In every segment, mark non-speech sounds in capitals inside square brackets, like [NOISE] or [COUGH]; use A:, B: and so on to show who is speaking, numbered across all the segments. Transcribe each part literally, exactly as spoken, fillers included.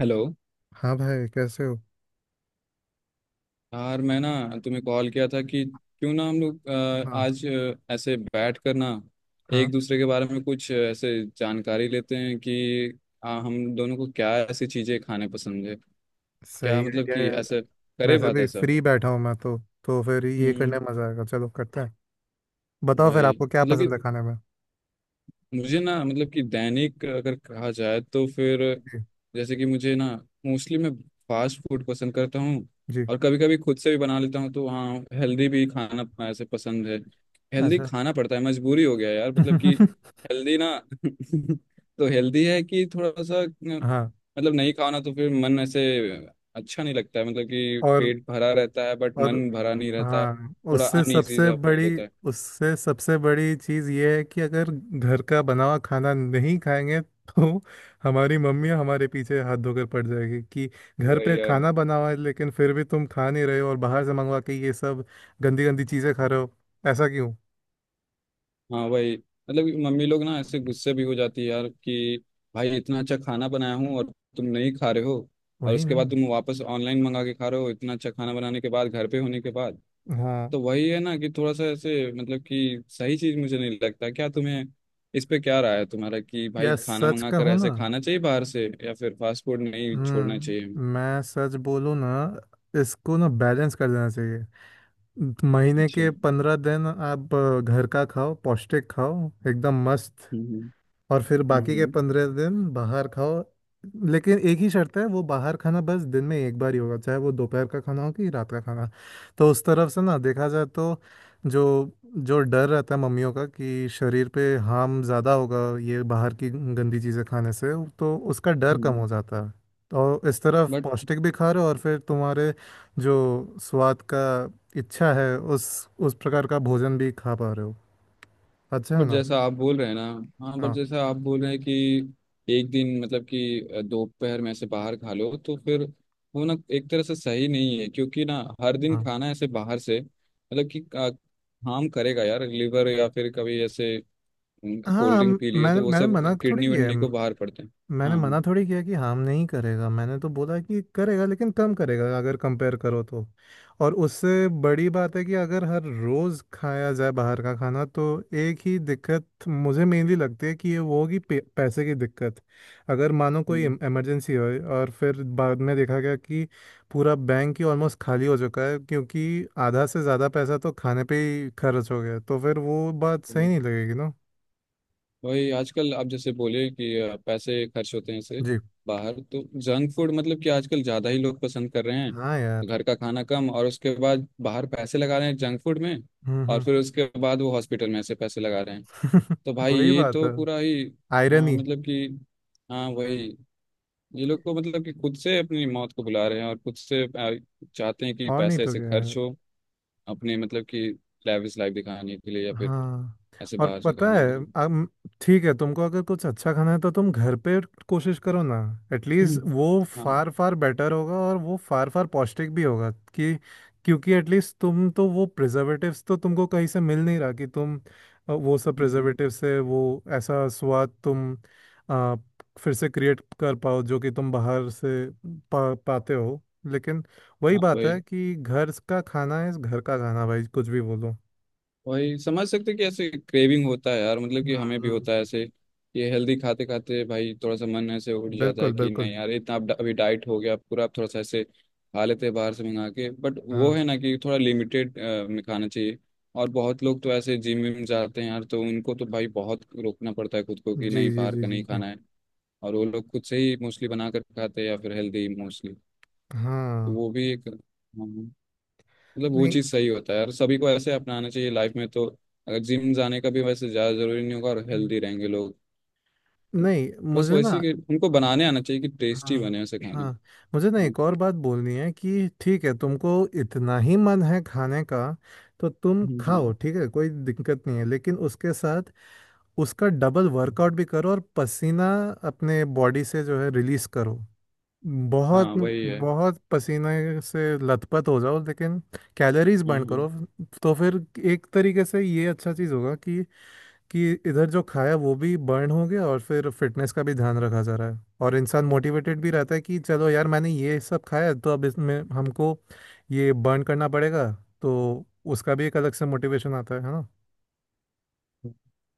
A: Hello.
B: हाँ भाई, कैसे हो?
A: यार मैं ना तुम्हें कॉल किया था कि क्यों ना हम लोग अ,
B: हाँ।
A: आज अ, ऐसे बैठ कर ना
B: हाँ।
A: एक दूसरे के बारे में कुछ अ, ऐसे जानकारी लेते हैं कि अ, हम दोनों को क्या ऐसी चीजें खाने पसंद है। क्या
B: सही
A: मतलब
B: आइडिया
A: कि
B: यार।
A: ऐसे करे
B: वैसे
A: बात
B: भी [LAUGHS]
A: ऐसा।
B: फ्री बैठा हूँ मैं तो तो फिर ये करने
A: हम्म।
B: में मजा आएगा। चलो करते हैं। बताओ फिर,
A: वही
B: आपको क्या
A: मतलब कि
B: पसंद है खाने में?
A: मुझे ना मतलब कि दैनिक अगर कहा जाए तो फिर
B: जी।
A: जैसे कि मुझे ना मोस्टली मैं फास्ट फूड पसंद करता हूँ।
B: जी।
A: और कभी कभी खुद से भी बना लेता हूँ तो हाँ, हेल्दी भी खाना अपना ऐसे पसंद है। हेल्दी
B: अच्छा।
A: खाना पड़ता है मजबूरी हो गया यार मतलब कि हेल्दी ना। [LAUGHS] तो हेल्दी है कि थोड़ा सा न,
B: [LAUGHS] हाँ।
A: मतलब नहीं खाओ ना तो फिर मन ऐसे अच्छा नहीं लगता है मतलब कि
B: और
A: पेट भरा रहता है बट
B: और
A: मन भरा नहीं रहता।
B: हाँ,
A: थोड़ा
B: उससे
A: अनईजी
B: सबसे
A: सा फील
B: बड़ी
A: होता है।
B: उससे सबसे बड़ी चीज़ ये है कि अगर घर का बना हुआ खाना नहीं खाएंगे तो हमारी मम्मी हमारे पीछे हाथ धोकर पड़ जाएगी कि
A: तो
B: घर
A: वही
B: पे
A: यार।
B: खाना बना हुआ है, लेकिन फिर भी तुम खा नहीं रहे हो और बाहर से मंगवा के ये सब गंदी गंदी चीज़ें खा रहे हो। ऐसा क्यों?
A: हाँ वही मतलब कि मम्मी लोग ना ऐसे गुस्से भी हो जाती है यार कि भाई इतना अच्छा खाना बनाया हूँ और तुम नहीं खा रहे हो। और
B: वही
A: उसके
B: ना।
A: बाद तुम वापस ऑनलाइन मंगा के खा रहे हो इतना अच्छा खाना बनाने के बाद घर पे होने के बाद।
B: हाँ
A: तो वही है ना कि थोड़ा सा ऐसे मतलब कि सही चीज मुझे नहीं लगता क्या तुम्हें। इस पे क्या राय है तुम्हारा कि भाई
B: यार,
A: खाना
B: सच
A: मंगा कर
B: कहूँ ना।
A: ऐसे खाना चाहिए बाहर से या फिर फास्ट फूड नहीं छोड़ना चाहिए हमें?
B: हम्म मैं सच बोलूँ ना। इसको ना बैलेंस कर देना चाहिए। महीने
A: अच्छा।
B: के पंद्रह दिन आप अ, घर का खाओ, पौष्टिक खाओ एकदम मस्त।
A: हम्म
B: और फिर बाकी के
A: हम्म
B: पंद्रह दिन बाहर खाओ। लेकिन एक ही शर्त है, वो बाहर खाना बस दिन में एक बार ही होगा, चाहे वो दोपहर का खाना हो कि रात का खाना। तो उस तरफ से ना देखा जाए तो जो जो डर रहता है मम्मियों का कि शरीर पे हार्म ज़्यादा होगा ये बाहर की गंदी चीज़ें खाने से, तो उसका डर कम हो
A: हम्म।
B: जाता है। तो इस तरफ
A: बट
B: पौष्टिक भी खा रहे हो, और फिर तुम्हारे जो स्वाद का इच्छा है उस उस प्रकार का भोजन भी खा पा रहे हो। अच्छा है
A: बट
B: ना।
A: जैसा आप बोल रहे हैं ना। हाँ बट
B: हाँ।
A: जैसा आप बोल रहे हैं कि एक दिन मतलब कि अ, दोपहर में ऐसे बाहर खा लो तो फिर वो ना एक तरह से सही नहीं है क्योंकि ना हर दिन
B: हाँ।
A: खाना ऐसे बाहर से मतलब कि हार्म करेगा यार लीवर। या फिर कभी ऐसे
B: हाँ
A: कोल्ड
B: हम,
A: ड्रिंक पी लिए
B: मैंने
A: तो वो
B: मैंने
A: सब
B: मना थोड़ी
A: किडनी
B: किया है।
A: विडनी को बाहर पड़ते हैं।
B: मैंने
A: हाँ हाँ।
B: मना थोड़ी किया कि हम नहीं करेगा, मैंने तो बोला कि करेगा लेकिन कम करेगा अगर कंपेयर करो तो। और उससे बड़ी बात है कि अगर हर रोज़ खाया जाए बाहर का खाना तो एक ही दिक्कत मुझे मेनली लगती है कि ये वो होगी पे, पैसे की दिक्कत। अगर मानो कोई इमरजेंसी हो और फिर बाद में देखा गया कि पूरा बैंक ही ऑलमोस्ट खाली हो चुका है क्योंकि आधा से ज़्यादा पैसा तो खाने पे ही खर्च हो गया, तो फिर वो बात सही
A: हम्म,
B: नहीं लगेगी ना।
A: वही आजकल आप जैसे बोले कि अ, पैसे खर्च होते हैं इससे
B: जी।
A: बाहर तो। जंक फूड मतलब कि आजकल ज़्यादा ही लोग पसंद कर रहे हैं।
B: हाँ यार।
A: घर का खाना कम और उसके बाद बाहर पैसे लगा रहे हैं जंक फूड में।
B: हम्म।
A: और
B: हम्म।
A: फिर उसके बाद वो हॉस्पिटल में ऐसे पैसे लगा रहे हैं। तो
B: [LAUGHS]
A: भाई
B: वही
A: ये
B: बात
A: तो
B: है।
A: पूरा ही। हाँ
B: आयरनी।
A: मतलब कि हाँ वही, ये लोग को मतलब कि खुद से अपनी मौत को बुला रहे हैं और खुद से अ, चाहते हैं कि
B: और नहीं
A: पैसे
B: तो
A: ऐसे
B: क्या है।
A: खर्च हो अपने मतलब कि लाविश लाइफ दिखाने के लिए या फिर
B: हाँ।
A: ऐसे
B: और
A: बाहर से
B: पता
A: खाने
B: है,
A: के लिए।
B: अब ठीक है, तुमको अगर कुछ अच्छा खाना है तो तुम घर पे कोशिश करो ना। एटलीस्ट
A: हम्म,
B: वो फार फार बेटर होगा और वो फार फार पौष्टिक भी होगा। कि क्योंकि एटलीस्ट तुम तो वो प्रिजर्वेटिव्स तो तुमको कहीं से मिल नहीं रहा कि तुम अ, वो सब
A: हाँ
B: प्रिजर्वेटिव से वो ऐसा स्वाद तुम अ, फिर से क्रिएट कर पाओ जो कि तुम बाहर से पा, पाते हो। लेकिन वही
A: हाँ
B: बात है
A: भाई
B: कि घर का खाना है घर का खाना भाई, कुछ भी बोलो।
A: वही समझ सकते हैं कि ऐसे क्रेविंग होता है यार मतलब कि हमें भी
B: हम्म।
A: होता है ऐसे। ये हेल्दी खाते खाते भाई थोड़ा सा मन ऐसे उठ जाता
B: बिल्कुल
A: है कि
B: बिल्कुल।
A: नहीं यार इतना अब अभी डाइट हो गया पूरा, आप थोड़ा सा ऐसे खा लेते हैं बाहर से मंगा के, बट वो
B: हाँ।
A: है ना कि थोड़ा लिमिटेड में खाना चाहिए। और बहुत लोग तो ऐसे जिम में जाते हैं यार तो उनको तो भाई बहुत रोकना पड़ता है खुद को कि
B: जी
A: नहीं
B: जी
A: बाहर
B: जी
A: का
B: जी
A: नहीं
B: जी।
A: खाना है। और वो लोग खुद से ही मोस्टली बना कर खाते हैं या फिर हेल्दी मोस्टली। तो
B: हाँ।
A: वो भी एक हाँ, मतलब वो
B: नहीं।
A: चीज़ सही होता है यार सभी को ऐसे अपनाना चाहिए लाइफ में तो। अगर जिम जाने का भी वैसे ज़्यादा ज़रूरी नहीं होगा और हेल्दी रहेंगे लोग।
B: नहीं
A: बस
B: मुझे
A: वैसे
B: ना।
A: कि उनको बनाने आना चाहिए कि टेस्टी
B: हाँ।
A: बने ऐसे खाना।
B: हाँ, मुझे ना
A: हाँ
B: एक और बात बोलनी है कि ठीक है, तुमको इतना ही मन है खाने का तो तुम
A: हम्म,
B: खाओ,
A: हम्म।
B: ठीक है कोई दिक्कत नहीं है। लेकिन उसके साथ उसका डबल वर्कआउट भी करो और पसीना अपने बॉडी से जो है रिलीज करो। बहुत
A: हाँ, वही है।
B: बहुत पसीने से लथपथ हो जाओ, लेकिन कैलोरीज
A: हाँ
B: बर्न
A: हाँ।
B: करो। तो फिर एक तरीके से ये अच्छा चीज़ होगा कि कि इधर जो खाया वो भी बर्न हो गया और फिर फिटनेस का भी ध्यान रखा जा रहा है और इंसान मोटिवेटेड भी रहता है कि चलो यार, मैंने ये सब खाया तो अब इसमें हमको ये बर्न करना पड़ेगा। तो उसका भी एक अलग से मोटिवेशन आता है है ना।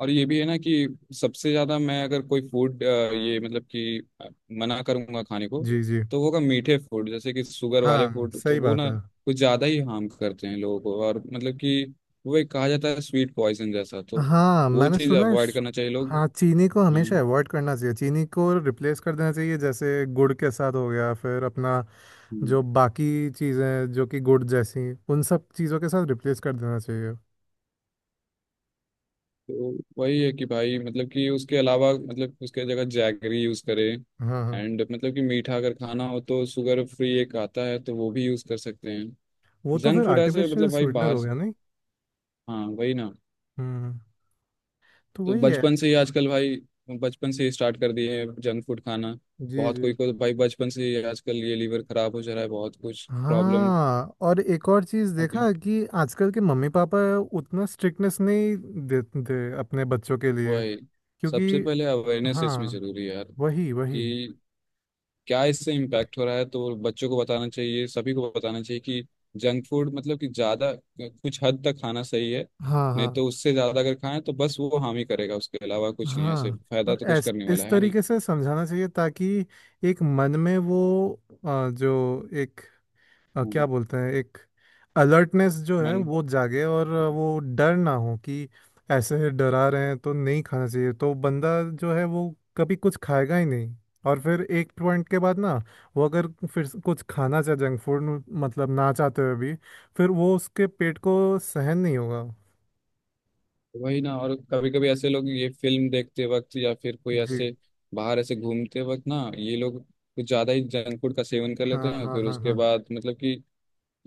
A: और ये भी है ना कि सबसे ज्यादा मैं अगर कोई फूड ये मतलब कि अ, मना करूंगा खाने को,
B: जी। जी।
A: तो वो होगा मीठे फूड जैसे कि शुगर वाले
B: हाँ
A: फूड तो
B: सही
A: वो
B: बात
A: ना
B: है।
A: कुछ ज्यादा ही हार्म करते हैं लोगों को। और मतलब कि वो एक कहा जाता है स्वीट पॉइजन जैसा, तो
B: हाँ,
A: वो
B: मैंने
A: चीज़
B: सुना है
A: अवॉइड
B: श-
A: करना चाहिए लोग।
B: हाँ, चीनी को
A: हाँ
B: हमेशा अवॉइड करना चाहिए, चीनी को रिप्लेस कर देना चाहिए जैसे गुड़ के साथ हो गया, फिर अपना
A: हम्म।
B: जो बाकी चीज़ें जो कि गुड़ जैसी उन सब चीज़ों के साथ रिप्लेस कर देना चाहिए।
A: तो वही है कि भाई मतलब कि उसके अलावा मतलब उसके जगह जैगरी यूज़ करें।
B: हाँ हाँ।
A: एंड मतलब कि मीठा अगर खाना हो तो शुगर फ्री एक आता है तो वो भी यूज़ कर सकते हैं।
B: वो तो
A: जंक
B: फिर
A: फूड ऐसे
B: आर्टिफिशियल
A: मतलब भाई
B: स्वीटनर
A: बाहर।
B: हो गया नहीं।
A: हाँ वही ना।
B: हम्म। तो
A: तो
B: वही है।
A: बचपन से ही आजकल भाई बचपन से ही स्टार्ट कर दिए हैं जंक फूड खाना।
B: जी।
A: बहुत
B: जी।
A: कोई को तो भाई बचपन से ही आजकल ये लीवर खराब हो जा रहा है बहुत कुछ प्रॉब्लम।
B: हाँ, और एक और चीज़
A: ओके।
B: देखा कि आजकल के मम्मी पापा उतना स्ट्रिक्टनेस नहीं देते अपने बच्चों के लिए
A: वही,
B: क्योंकि।
A: सबसे पहले अवेयरनेस इसमें
B: हाँ,
A: जरूरी है यार
B: वही वही।
A: कि क्या इससे इम्पैक्ट हो रहा है, तो बच्चों को बताना चाहिए सभी को बताना चाहिए कि जंक फूड मतलब कि ज़्यादा कुछ हद तक खाना सही है।
B: हाँ
A: नहीं
B: हाँ
A: तो उससे ज़्यादा अगर खाएं तो बस वो हानि करेगा उसके अलावा कुछ नहीं है ऐसे
B: हाँ।
A: फायदा
B: और
A: तो कुछ
B: ऐस
A: करने वाला
B: इस
A: है नहीं।
B: तरीके से समझाना चाहिए ताकि एक मन में वो अ, जो एक अ,
A: हम्म,
B: क्या बोलते हैं, एक अलर्टनेस जो है
A: मन।
B: वो जागे, और वो डर ना हो कि ऐसे डरा रहे हैं तो नहीं खाना चाहिए, तो बंदा जो है वो कभी कुछ खाएगा ही नहीं। और फिर एक पॉइंट के बाद ना वो अगर फिर से कुछ खाना चाहे जंक फूड, मतलब ना चाहते हुए भी, फिर वो उसके पेट को सहन नहीं होगा।
A: वही ना, और कभी कभी ऐसे लोग ये फिल्म देखते वक्त या फिर कोई
B: जी।
A: ऐसे बाहर ऐसे घूमते वक्त ना ये लोग कुछ ज्यादा ही जंक फूड का सेवन कर
B: हाँ
A: लेते हैं
B: हाँ
A: फिर
B: हाँ
A: उसके
B: हाँ।
A: बाद मतलब कि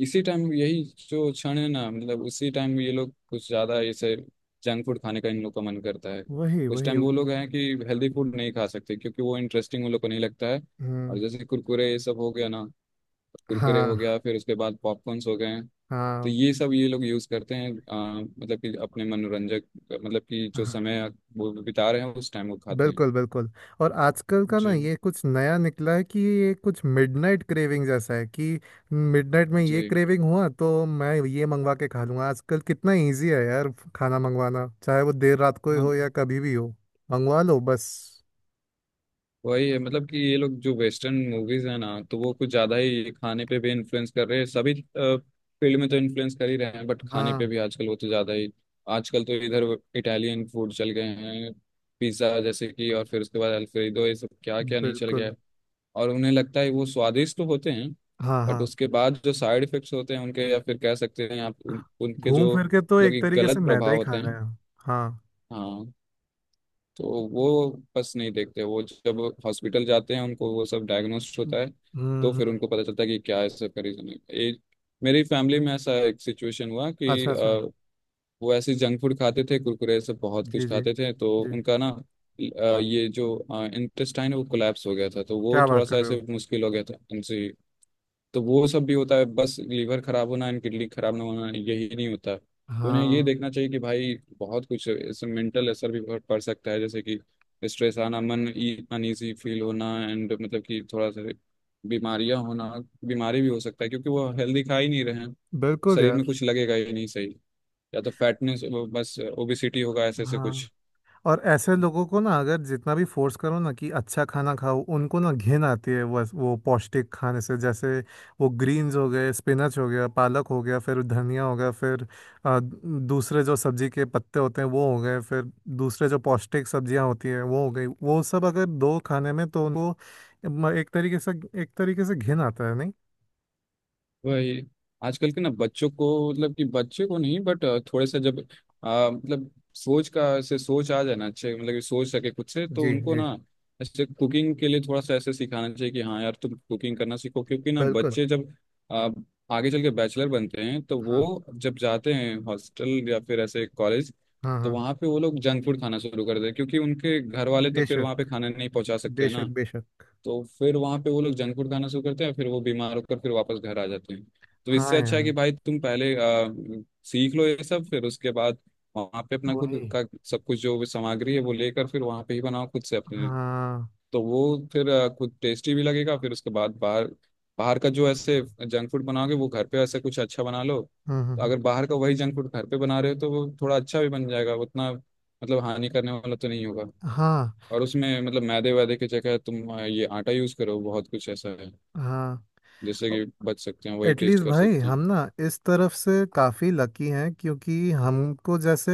A: इसी टाइम यही जो क्षण है ना मतलब उसी टाइम ये लोग कुछ ज्यादा ऐसे जंक फूड खाने का इन लोग का मन करता है।
B: वही
A: उस
B: वही।
A: टाइम वो लोग हैं कि हेल्दी फूड नहीं खा सकते क्योंकि वो इंटरेस्टिंग उन लोग को नहीं लगता है। और
B: हम्म।
A: जैसे कुरकुरे ये सब हो गया ना, कुरकुरे हो
B: हाँ
A: गया फिर उसके बाद पॉपकॉर्न्स हो गए। तो
B: हाँ
A: ये सब ये लोग यूज करते हैं अ, मतलब कि अपने मनोरंजक मतलब कि जो
B: हाँ,
A: समय वो बिता रहे हैं उस टाइम वो खाते हैं।
B: बिल्कुल बिल्कुल। और आजकल का ना,
A: जी
B: ये कुछ नया निकला है कि ये कुछ मिडनाइट क्रेविंग जैसा है कि मिडनाइट में ये
A: जी।
B: क्रेविंग हुआ तो मैं ये मंगवा के खा लूंगा। आजकल कितना इजी है यार, खाना मंगवाना, चाहे वो देर रात को ही
A: हाँ
B: हो या कभी भी हो, मंगवा लो बस।
A: वही है मतलब कि ये लोग जो वेस्टर्न मूवीज है ना तो वो कुछ ज्यादा ही खाने पे भी इन्फ्लुएंस कर रहे हैं। सभी फील्ड में तो इन्फ्लुएंस कर ही रहे हैं बट खाने पे
B: हाँ।
A: भी आजकल वो तो ज्यादा ही। आजकल तो इधर इटालियन फूड चल गए हैं। पिज्जा जैसे कि और फिर उसके बाद अल्फ्रेडो ये सब क्या क्या नहीं चल गया
B: बिल्कुल।
A: है। और उन्हें लगता है वो स्वादिष्ट तो होते हैं
B: हाँ।
A: बट
B: हाँ।
A: उसके बाद जो साइड इफेक्ट्स होते हैं उनके या फिर कह सकते हैं आप उन, उनके
B: घूम
A: जो
B: फिर के तो
A: मतलब
B: एक
A: कि
B: तरीके से
A: गलत
B: मैदा
A: प्रभाव
B: ही
A: होते
B: खा रहे
A: हैं।
B: हैं। हाँ।
A: हाँ तो वो बस नहीं देखते वो जब हॉस्पिटल जाते हैं उनको वो सब डायग्नोस्ट होता
B: हम्म
A: है। तो फिर
B: हम्म,
A: उनको पता चलता है कि क्या ऐसा का रीजन है ये। मेरी फैमिली में ऐसा एक सिचुएशन हुआ कि
B: अच्छा
A: अ,
B: अच्छा।
A: वो ऐसे जंक फूड खाते थे कुरकुरे सब बहुत कुछ
B: जी जी
A: खाते थे तो
B: जी।
A: उनका ना अ, ये जो इंटेस्टाइन है वो कोलैप्स हो गया था तो वो
B: क्या बात
A: थोड़ा सा
B: कर रहे हो?
A: ऐसे मुश्किल हो गया था उनसे। तो वो सब भी होता है बस लीवर खराब होना एंड किडनी खराब ना होना यही नहीं होता तो उन्हें ये
B: हाँ।
A: देखना चाहिए कि भाई बहुत कुछ इससे मेंटल असर भी बहुत पड़ सकता है जैसे कि स्ट्रेस आना, मन अनईजी फील होना एंड मतलब कि थोड़ा सा बीमारियां होना। बीमारी भी हो सकता है क्योंकि वो हेल्दी खा ही नहीं रहे हैं।
B: बिल्कुल
A: शरीर में
B: यार।
A: कुछ लगेगा ही नहीं सही, या तो फैटनेस बस ओबिसिटी होगा ऐसे ऐसे
B: हाँ,
A: कुछ।
B: और ऐसे लोगों को ना अगर जितना भी फोर्स करो ना कि अच्छा खाना खाओ, उनको ना घिन आती है वो वो पौष्टिक खाने से, जैसे वो ग्रीन्स हो गए, स्पिनच हो गया, पालक हो गया, फिर धनिया हो गया, फिर आ, दूसरे जो सब्जी के पत्ते होते हैं वो हो गए, फिर दूसरे जो पौष्टिक सब्जियां होती हैं वो हो गई, वो सब अगर दो खाने में तो उनको म- एक तरीके से एक तरीके से घिन आता है नहीं।
A: वही आजकल के ना बच्चों को मतलब कि बच्चे को नहीं बट थोड़े से जब आ, मतलब सोच का से सोच आ जाए ना अच्छे मतलब कि सोच सके खुद से तो
B: जी।
A: उनको
B: जी।
A: ना ऐसे कुकिंग के लिए थोड़ा सा ऐसे सिखाना चाहिए कि हाँ यार तुम कुकिंग करना सीखो क्योंकि ना
B: बिल्कुल।
A: बच्चे जब आ, आगे चल के बैचलर बनते हैं तो
B: हाँ
A: वो जब जाते हैं हॉस्टल या फिर ऐसे कॉलेज
B: हाँ
A: तो
B: हाँ।
A: वहाँ पे वो लोग जंक फूड खाना शुरू कर देते हैं क्योंकि उनके घर वाले तो फिर
B: बेशक
A: वहाँ पे खाना नहीं पहुँचा सकते हैं
B: बेशक
A: ना।
B: बेशक।
A: तो फिर वहां पे वो लोग जंक फूड खाना शुरू करते हैं फिर वो बीमार होकर फिर वापस घर आ जाते हैं। तो
B: हाँ
A: इससे अच्छा है
B: यार।
A: कि भाई तुम पहले अ, सीख लो ये सब फिर उसके बाद वहां पे अपना
B: वही।
A: खुद का सब कुछ जो भी सामग्री है वो लेकर फिर वहां पे ही बनाओ खुद से अपने।
B: हाँ।
A: तो वो फिर अ, खुद टेस्टी भी लगेगा फिर उसके बाद बाहर, बाहर का जो ऐसे जंक फूड बनाओगे वो घर पे ऐसे कुछ अच्छा बना लो।
B: हम्म हम्म,
A: तो
B: हम्म,
A: अगर बाहर का वही जंक फूड घर पे बना रहे हो तो वो थोड़ा अच्छा भी बन जाएगा उतना मतलब हानि करने वाला तो नहीं होगा।
B: हाँ
A: और उसमें मतलब मैदे वैदे की जगह तुम अ, ये आटा यूज करो बहुत कुछ ऐसा है
B: हाँ।
A: जैसे कि बच सकते हैं वही टेस्ट
B: एटलीस्ट
A: कर
B: भाई
A: सकते हैं।
B: हम ना इस तरफ से काफ़ी लकी हैं, क्योंकि हमको जैसे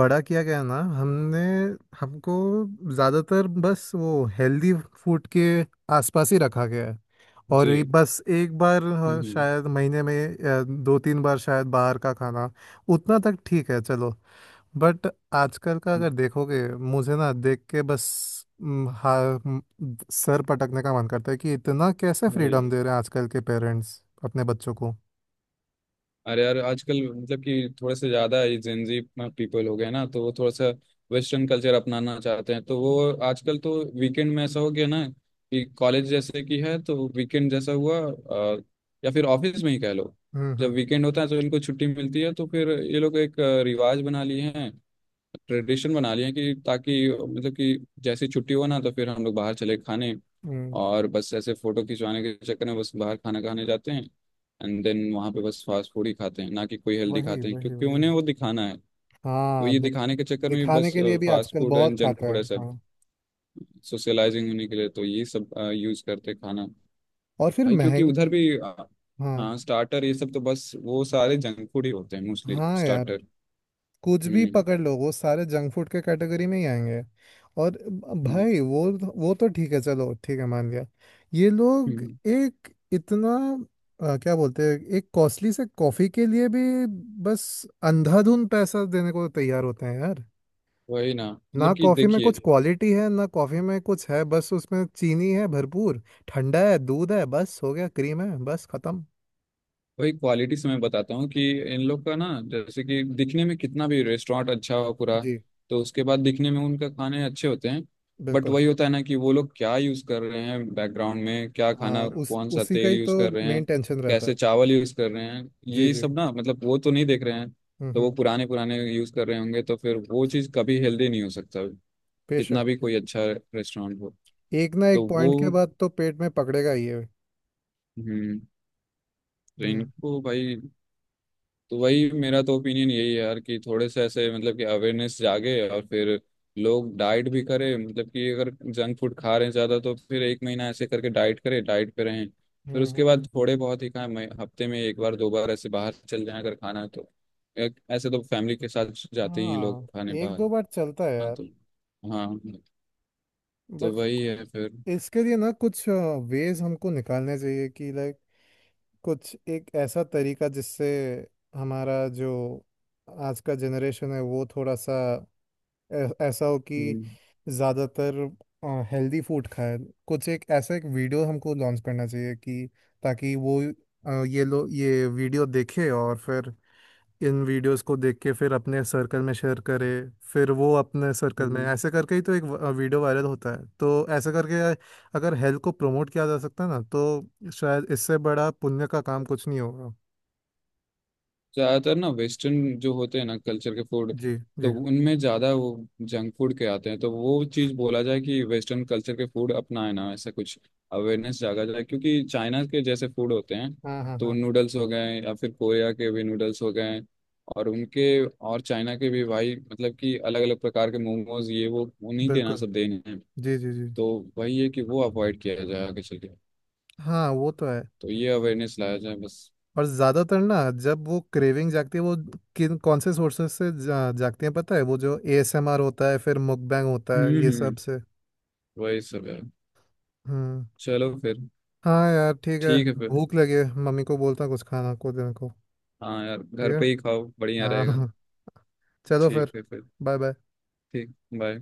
B: बड़ा किया गया ना, हमने हमको ज़्यादातर बस वो हेल्दी फूड के आसपास ही रखा गया है। और ये
A: जी।
B: बस एक बार, हाँ,
A: हम्म
B: शायद महीने में या दो तीन बार शायद बाहर का खाना, उतना तक ठीक है चलो। बट आजकल का अगर
A: हम्म,
B: देखोगे, मुझे ना देख के बस म, हा, म, सर पटकने का मन करता है कि इतना कैसे
A: वही,
B: फ्रीडम दे रहे हैं आजकल के पेरेंट्स अपने बच्चों को।
A: अरे यार आजकल मतलब कि थोड़े से ज़्यादा ये जेंजी पीपल हो गए ना तो वो थोड़ा सा वेस्टर्न कल्चर अपनाना चाहते हैं तो वो आजकल तो वीकेंड में ऐसा हो गया ना कि कॉलेज जैसे कि है तो वीकेंड जैसा हुआ अ, या फिर ऑफिस में ही कह लो।
B: हम्म
A: जब
B: हम्म
A: वीकेंड होता है तो इनको छुट्टी मिलती है तो फिर ये लोग एक अ, रिवाज बना लिए हैं ट्रेडिशन बना लिया है कि ताकि मतलब कि जैसे छुट्टी हो ना तो फिर हम लोग बाहर चले खाने।
B: हम्म,
A: और बस ऐसे फोटो खिंचवाने के चक्कर में बस बाहर खाना खाने जाते हैं एंड देन वहाँ पे बस फास्ट फूड ही खाते हैं ना कि कोई हेल्दी
B: वही
A: खाते हैं
B: वही
A: क्योंकि
B: वही।
A: उन्हें वो दिखाना है। तो
B: हाँ
A: ये
B: दिख,
A: दिखाने के चक्कर में
B: दिखाने
A: बस
B: के लिए भी
A: फास्ट
B: आजकल
A: फूड एंड
B: बहुत
A: जंक
B: खाता
A: फूड
B: है
A: ऐसा
B: हाँ।
A: सोशलाइजिंग होने के लिए तो ये सब यूज करते हैं खाना।
B: और फिर
A: भाई क्योंकि उधर
B: महंगी।
A: भी अ,
B: हाँ।
A: हाँ स्टार्टर ये सब तो बस वो सारे जंक फूड ही होते हैं मोस्टली
B: हाँ यार,
A: स्टार्टर।
B: कुछ भी
A: हम्म
B: पकड़ लो वो सारे जंक फूड के कैटेगरी में ही आएंगे। और
A: हम्म
B: भाई वो वो तो ठीक है, चलो ठीक है मान लिया। ये लोग
A: हम्म।
B: एक इतना अ, क्या बोलते हैं, एक कॉस्टली से कॉफी के लिए भी बस अंधाधुंध पैसा देने को तैयार होते हैं यार।
A: वही ना
B: ना
A: मतलब कि
B: कॉफी में
A: देखिए।
B: कुछ क्वालिटी है, ना कॉफी में कुछ है, बस उसमें चीनी है भरपूर, ठंडा है, दूध है, बस हो गया, क्रीम है, बस खत्म।
A: वही क्वालिटी से मैं बताता हूँ कि इन लोग का ना जैसे कि दिखने में कितना भी रेस्टोरेंट अच्छा हो पूरा,
B: जी।
A: तो उसके बाद दिखने में उनका खाने अच्छे होते हैं। बट
B: बिल्कुल।
A: वही होता है ना कि वो लोग क्या यूज़ कर रहे हैं बैकग्राउंड में क्या
B: हाँ,
A: खाना
B: उस
A: कौन सा
B: उसी का
A: तेल
B: ही
A: यूज़
B: तो
A: कर रहे
B: मेन
A: हैं
B: टेंशन रहता है।
A: कैसे चावल यूज़ कर रहे हैं
B: जी
A: ये
B: जी।
A: सब ना मतलब वो तो नहीं देख रहे हैं।
B: हम्म
A: तो वो
B: हम्म।
A: पुराने पुराने यूज़ कर रहे होंगे तो फिर वो चीज़ कभी हेल्दी नहीं हो सकता कितना
B: बेशक।
A: भी कोई अच्छा रेस्टोरेंट हो।
B: एक ना
A: तो
B: एक
A: वो
B: पॉइंट के बाद तो पेट में पकड़ेगा ही है।
A: हम्म, तो
B: हम्म
A: इनको भाई, तो वही मेरा तो ओपिनियन यही है यार कि थोड़े से ऐसे मतलब कि अवेयरनेस जागे और फिर लोग डाइट भी करें मतलब कि अगर जंक फूड खा रहे हैं ज़्यादा तो फिर एक महीना ऐसे करके डाइट करें डाइट पे रहें। फिर
B: हम्म हम्म,
A: उसके बाद
B: हम्म।
A: थोड़े बहुत ही खाएं मैं- हफ्ते में एक बार दो बार ऐसे बाहर चल जाएं अगर खाना है तो। एक- ऐसे तो फैमिली के साथ जाते ही हैं लोग
B: हाँ।
A: खाने
B: एक
A: बाहर।
B: दो बार चलता है
A: हाँ
B: यार।
A: तो हाँ तो
B: बट
A: वही है फिर।
B: इसके लिए ना कुछ वेज हमको निकालने चाहिए कि लाइक कुछ एक ऐसा तरीका जिससे हमारा जो आज का जनरेशन है वो थोड़ा सा ऐ- ऐसा हो कि
A: हम्म
B: ज़्यादातर हेल्दी फूड खाए। कुछ एक ऐसा एक वीडियो हमको लॉन्च करना चाहिए कि ताकि वो अ, ये लो ये वीडियो देखे और फिर इन वीडियोस को देख के फिर अपने सर्कल में शेयर करे, फिर वो अपने सर्कल में
A: हम्म।
B: ऐसे करके ही तो एक व- वीडियो वायरल होता है। तो ऐसे करके अगर हेल्थ को प्रमोट किया जा सकता है ना, तो शायद इससे बड़ा पुण्य का काम कुछ नहीं होगा।
A: ज्यादातर ना वेस्टर्न जो होते हैं ना कल्चर के फूड,
B: जी
A: तो
B: जी।
A: उनमें ज्यादा वो जंक फूड के आते हैं तो वो चीज बोला जाए कि वेस्टर्न कल्चर के फूड अपनाए ना ऐसा कुछ अवेयरनेस जागा जाए। क्योंकि चाइना के जैसे फूड होते हैं
B: हाँ हाँ
A: तो
B: हाँ।
A: नूडल्स हो गए या फिर कोरिया के भी नूडल्स हो गए और उनके और चाइना के भी भाई मतलब कि अलग अलग प्रकार के मोमोज ये वो उन्हीं के ना
B: बिल्कुल।
A: सब देने हैं।
B: जी जी जी।
A: तो वही है कि वो अवॉइड किया जाए आगे चल के।
B: हाँ वो तो है।
A: तो ये अवेयरनेस लाया जाए बस।
B: और ज़्यादातर ना जब वो क्रेविंग जागती है, वो किन कौन से सोर्सेस से जा, जागती है पता है, वो जो ए एस एम आर होता है, फिर मुकबैंग होता है, ये
A: हम्म
B: सब
A: हम्म
B: से।
A: वही सब है।
B: हम्म।
A: चलो फिर।
B: हाँ यार ठीक है,
A: ठीक है फिर।
B: भूख लगी है, मम्मी को बोलता हूँ कुछ खाना को देने को।
A: हाँ यार
B: ठीक
A: घर
B: है।
A: पे ही खाओ बढ़िया
B: हाँ हाँ,
A: रहेगा।
B: हाँ। चलो
A: ठीक
B: फिर।
A: है फिर।
B: Bye bye.
A: ठीक, बाय।